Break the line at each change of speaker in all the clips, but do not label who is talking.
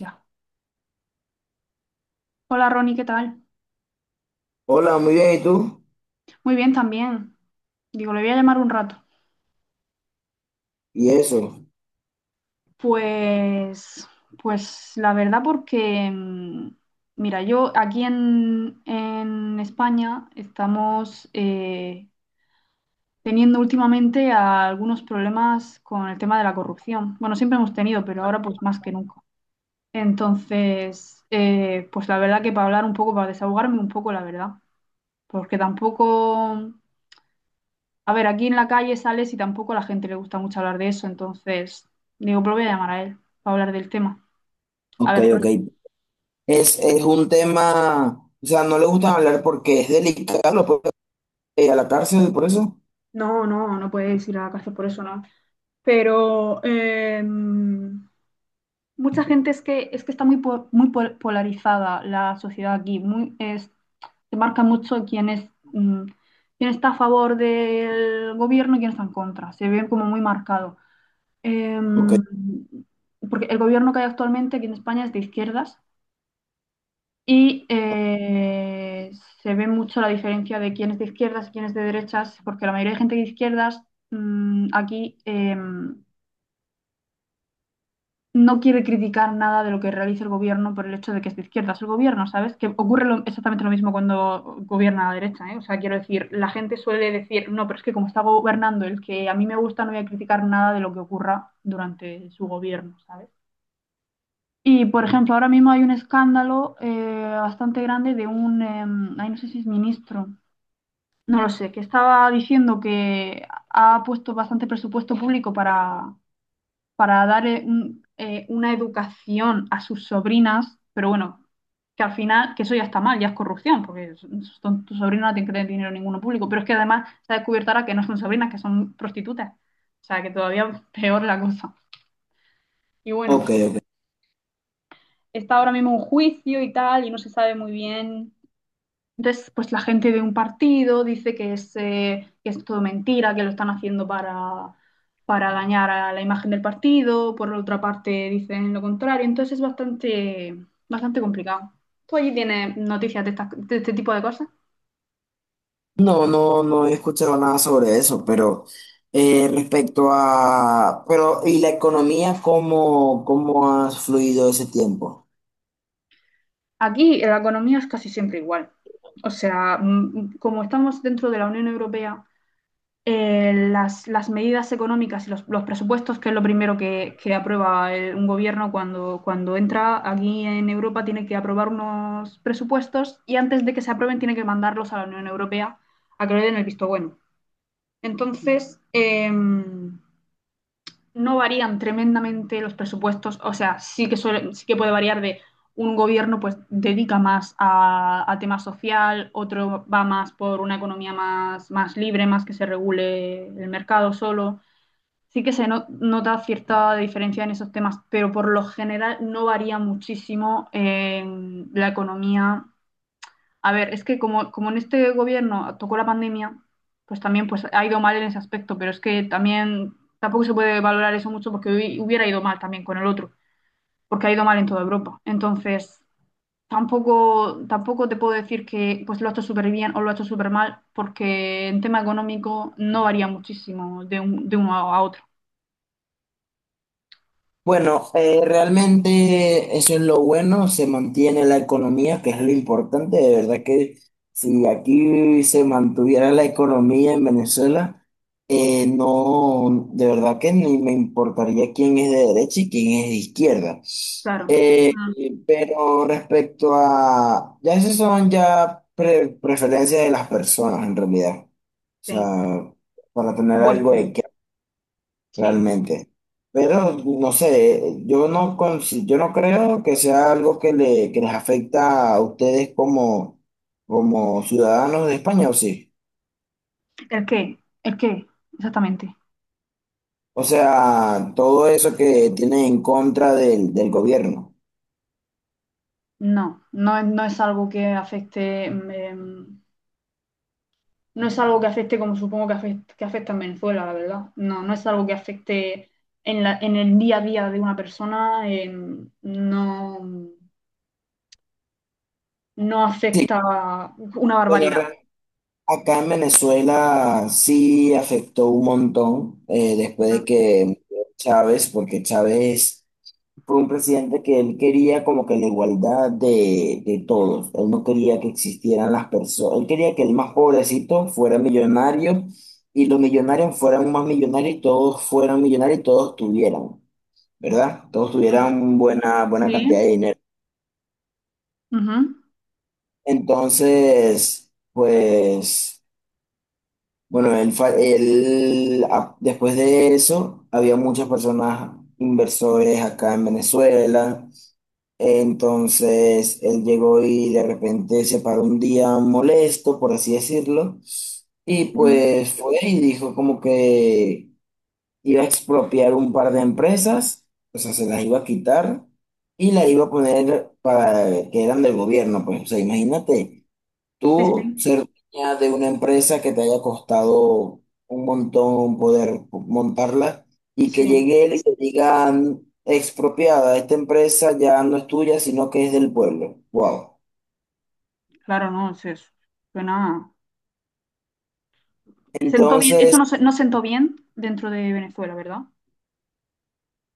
Ya. Hola Ronnie, ¿qué tal?
Hola, muy bien, ¿y tú?
Muy bien también. Digo, le voy a llamar un rato.
Y eso.
Pues, pues la verdad porque, mira, yo aquí en España estamos teniendo últimamente algunos problemas con el tema de la corrupción. Bueno, siempre hemos tenido, pero ahora pues más que nunca. Entonces, pues la verdad que para hablar un poco, para desahogarme un poco, la verdad, porque tampoco... A ver, aquí en la calle sales y tampoco a la gente le gusta mucho hablar de eso, entonces digo, pero voy a llamar a él para hablar del tema. A
Ok,
ver,
ok. Es un tema, o sea, no le gusta hablar porque es delicado, lo puede ir a la cárcel por eso.
no, no, no puedes ir a la cárcel por eso, no. Pero mucha gente es que está polarizada la sociedad aquí, muy es se marca mucho quién es quién está a favor del gobierno y quién está en contra. Se ve como muy marcado.
Ok,
Em, porque el gobierno que hay actualmente aquí en España es de izquierdas. Y eh, Se ve mucho la diferencia de quién es de izquierdas y quién es de derechas, porque la mayoría de gente de izquierdas aquí no quiere criticar nada de lo que realiza el gobierno por el hecho de que es de izquierdas el gobierno, ¿sabes? Que ocurre exactamente lo mismo cuando gobierna la derecha, ¿eh? O sea, quiero decir, la gente suele decir, no, pero es que como está gobernando el que a mí me gusta, no voy a criticar nada de lo que ocurra durante su gobierno, ¿sabes? Y, por ejemplo, ahora mismo hay un escándalo bastante grande de un, ay, no sé si es ministro, no lo sé, que estaba diciendo que ha puesto bastante presupuesto público para dar una educación a sus sobrinas, pero bueno, que al final, que eso ya está mal, ya es corrupción, porque tus sobrinas no tienen que tener dinero ninguno público, pero es que además se ha descubierto ahora que no son sobrinas, que son prostitutas, o sea, que todavía peor la cosa. Y bueno,
ok, ok.
está ahora mismo un juicio y tal, y no se sabe muy bien. Entonces, pues la gente de un partido dice que es todo mentira, que lo están haciendo para dañar a la imagen del partido, por otra parte dicen lo contrario, entonces es bastante complicado. ¿Tú allí tienes noticias de, de este tipo de cosas?
No, no, no he escuchado nada sobre eso, pero respecto a, pero, ¿y la economía, cómo, cómo ha fluido ese tiempo?
Aquí la economía es casi siempre igual. O sea, como estamos dentro de la Unión Europea, medidas económicas y presupuestos, que es lo primero que aprueba un gobierno cuando entra aquí en Europa, tiene que aprobar unos presupuestos y antes de que se aprueben tiene que mandarlos a la Unión Europea a que le den el visto bueno. Entonces, no varían tremendamente los presupuestos, o sea, sí que, sí que puede variar de un gobierno pues dedica más a tema social, otro va más por una economía más, más libre, más que se regule el mercado solo. Sí que se nota cierta diferencia en esos temas, pero por lo general no varía muchísimo en la economía. A ver, es que como en este gobierno tocó la pandemia, pues también pues, ha ido mal en ese aspecto, pero es que también tampoco se puede valorar eso mucho porque hubiera ido mal también con el otro, porque ha ido mal en toda Europa. Entonces, tampoco te puedo decir que pues, lo ha hecho súper bien o lo ha hecho súper mal, porque en tema económico no varía muchísimo de, de uno a otro.
Bueno, realmente eso es lo bueno, se mantiene la economía, que es lo importante. De verdad que si aquí se mantuviera la economía en Venezuela, no, de verdad que ni me importaría quién es de derecha y quién es de izquierda.
Claro.
Eh,
Mm,
pero respecto a, ya esas son ya preferencias de las personas en realidad. O
sí,
sea, para
por
tener algo
supuesto.
de
Sí.
realmente. Pero no sé, yo no, yo no creo que sea algo que, le, que les afecta a ustedes como, como ciudadanos de España, ¿o sí?
¿El qué? ¿El qué? Exactamente.
O sea, todo eso que tienen en contra del, del gobierno.
No, no, no es algo que afecte. No es algo que afecte como supongo que afecta en Venezuela, la verdad. No, no es algo que afecte en en el día a día de una persona, no, no
Sí,
afecta una
pero
barbaridad.
acá en Venezuela sí afectó un montón después
Ujú,
de que Chávez, porque Chávez fue un presidente que él quería como que la igualdad de todos. Él no quería que existieran las personas. Él quería que el más pobrecito fuera millonario y los millonarios fueran más millonarios y todos fueran millonarios y todos tuvieran, ¿verdad? Todos
ujú.
tuvieran buena, buena cantidad de
Sí.
dinero.
Ujú.
Entonces, pues, bueno, él, después de eso, había muchas personas inversores acá en Venezuela. Entonces él llegó y de repente se paró un día molesto, por así decirlo, y
Ujú,
pues fue y dijo como que iba a expropiar un par de empresas, o sea, se las iba a quitar y las
sí,
iba a poner para que eran del gobierno, pues, o sea, imagínate.
sí.
Tú
Sí.
ser dueña de una empresa que te haya costado un montón poder montarla y que
Sí,
llegue él y te digan expropiada, esta empresa ya no es tuya, sino que es del pueblo. Wow.
claro, no, sí, es eso. Suena. Sentó bien, eso
Entonces,
no, no sentó bien dentro de Venezuela, ¿verdad?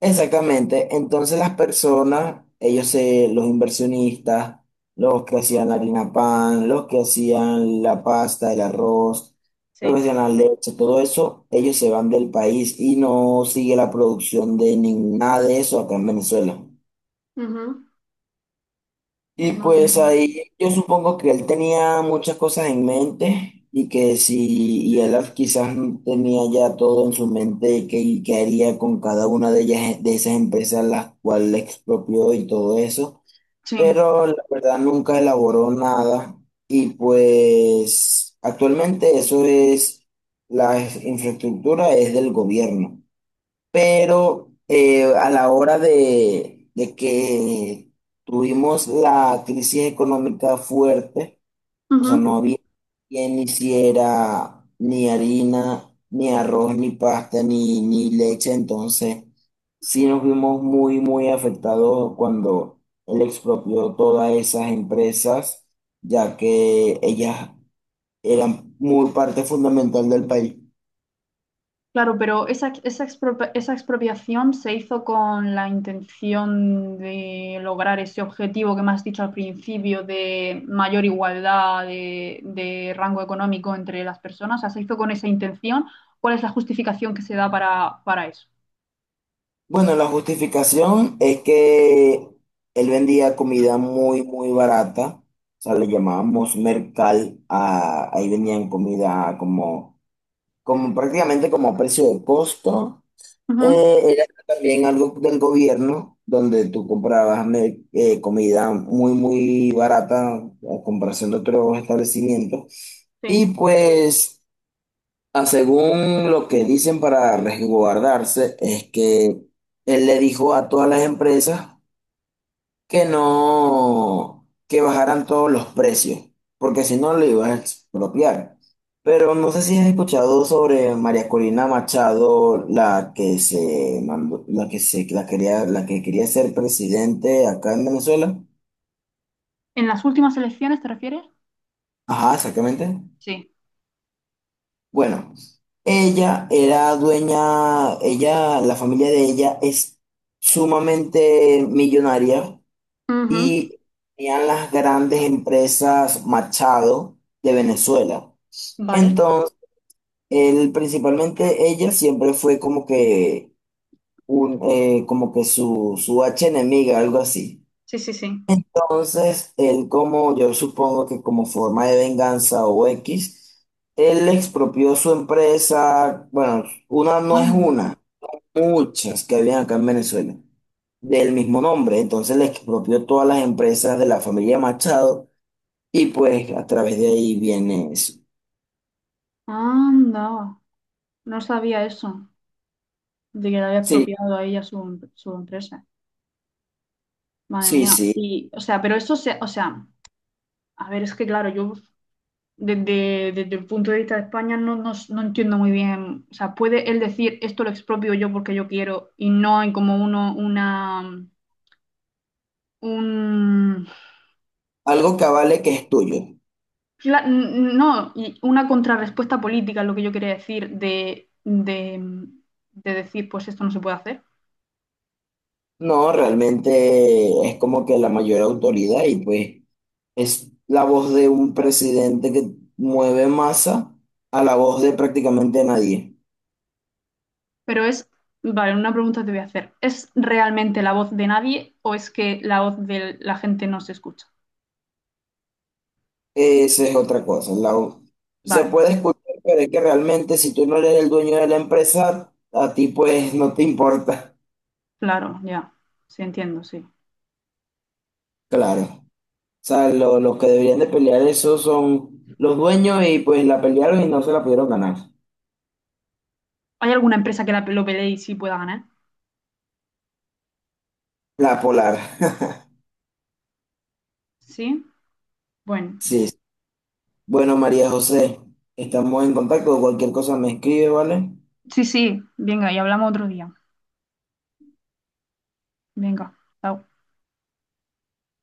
exactamente. Entonces las personas, ellos se, los inversionistas, los que hacían la harina pan, los que hacían la pasta, el arroz, los que
Sí.
hacían la leche, todo eso, ellos se van del país y no sigue la producción de nada de eso acá en Venezuela.
Ujú.
Y
Madre
pues
mía.
ahí yo supongo que él tenía muchas cosas en mente y que si y él quizás tenía ya todo en su mente y que, y qué haría con cada una de ellas, de esas empresas las cuales expropió y todo eso,
Sí.
pero la verdad nunca elaboró nada y pues actualmente eso es, la infraestructura es del gobierno, pero a la hora de que tuvimos la crisis económica fuerte, o sea, no había quien hiciera ni harina, ni arroz, ni pasta, ni, ni leche, entonces sí nos vimos muy, muy afectados cuando él expropió todas esas empresas, ya que ellas eran muy parte fundamental del país.
Claro, pero esa expropiación se hizo con la intención de lograr ese objetivo que me has dicho al principio de mayor igualdad de rango económico entre las personas. O sea, se hizo con esa intención. ¿Cuál es la justificación que se da para eso?
Bueno, la justificación es que él vendía comida muy, muy barata. O sea, le llamábamos mercal. Ahí vendían comida como, como prácticamente como a precio de costo.
Ujú,
Era también algo del gobierno, donde tú comprabas comida muy, muy barata a comparación de otros establecimientos. Y
sí.
pues... Ah, según lo que dicen para resguardarse, es que él le dijo a todas las empresas que no, que bajaran todos los precios, porque si no lo iba a expropiar. Pero no sé si has escuchado sobre María Corina Machado, la que se mandó, la que se, la quería, la que quería ser presidente acá en Venezuela.
¿En las últimas elecciones te refieres?
Ajá, exactamente.
Sí,
Bueno, ella era dueña, ella, la familia de ella es sumamente millonaria
ujú,
y tenían las grandes empresas Machado de Venezuela.
vale.
Entonces, él, principalmente ella siempre fue como que un, como que su archienemiga, algo así.
Sí, sí, sí.
Entonces, él como, yo supongo que como forma de venganza o X, él expropió su empresa, bueno, una no es
Anda,
una, muchas que habían acá en Venezuela, del mismo nombre. Entonces le expropió todas las empresas de la familia Machado y pues a través de ahí viene eso.
anda. No sabía eso, de que le había
Sí,
expropiado a ella su, su empresa. Madre
sí,
mía.
sí,
Y, o sea, pero eso se, o sea, a ver, es que claro, yo desde el punto de vista de España no, no, no entiendo muy bien. O sea, puede él decir esto lo expropio yo porque yo quiero y no hay como uno, una, un,
algo que avale que es tuyo.
la- n- no, y una contrarrespuesta política es lo que yo quería decir de decir, pues esto no se puede hacer.
No, realmente es como que la mayor autoridad y pues... Es la voz de un presidente que mueve masa a la voz de prácticamente nadie.
Pero es, vale, una pregunta te voy a hacer. ¿Es realmente la voz de nadie o es que la voz de la gente no se escucha?
Esa es otra cosa. La, se
Vale.
puede escuchar, pero es que realmente si tú no eres el dueño de la empresa, a ti pues no te importa.
Claro, ya. Sí, entiendo, sí.
Claro. O sea, los que deberían de pelear eso son los dueños y pues la pelearon y no se la pudieron ganar.
¿Hay alguna empresa que la, lo pelee y sí pueda ganar?
La polar.
Sí. Bueno,
Sí. Bueno, María José, estamos en contacto. Cualquier cosa me escribe, ¿vale?
sí, sí. Venga, y hablamos otro día. Venga. Chao.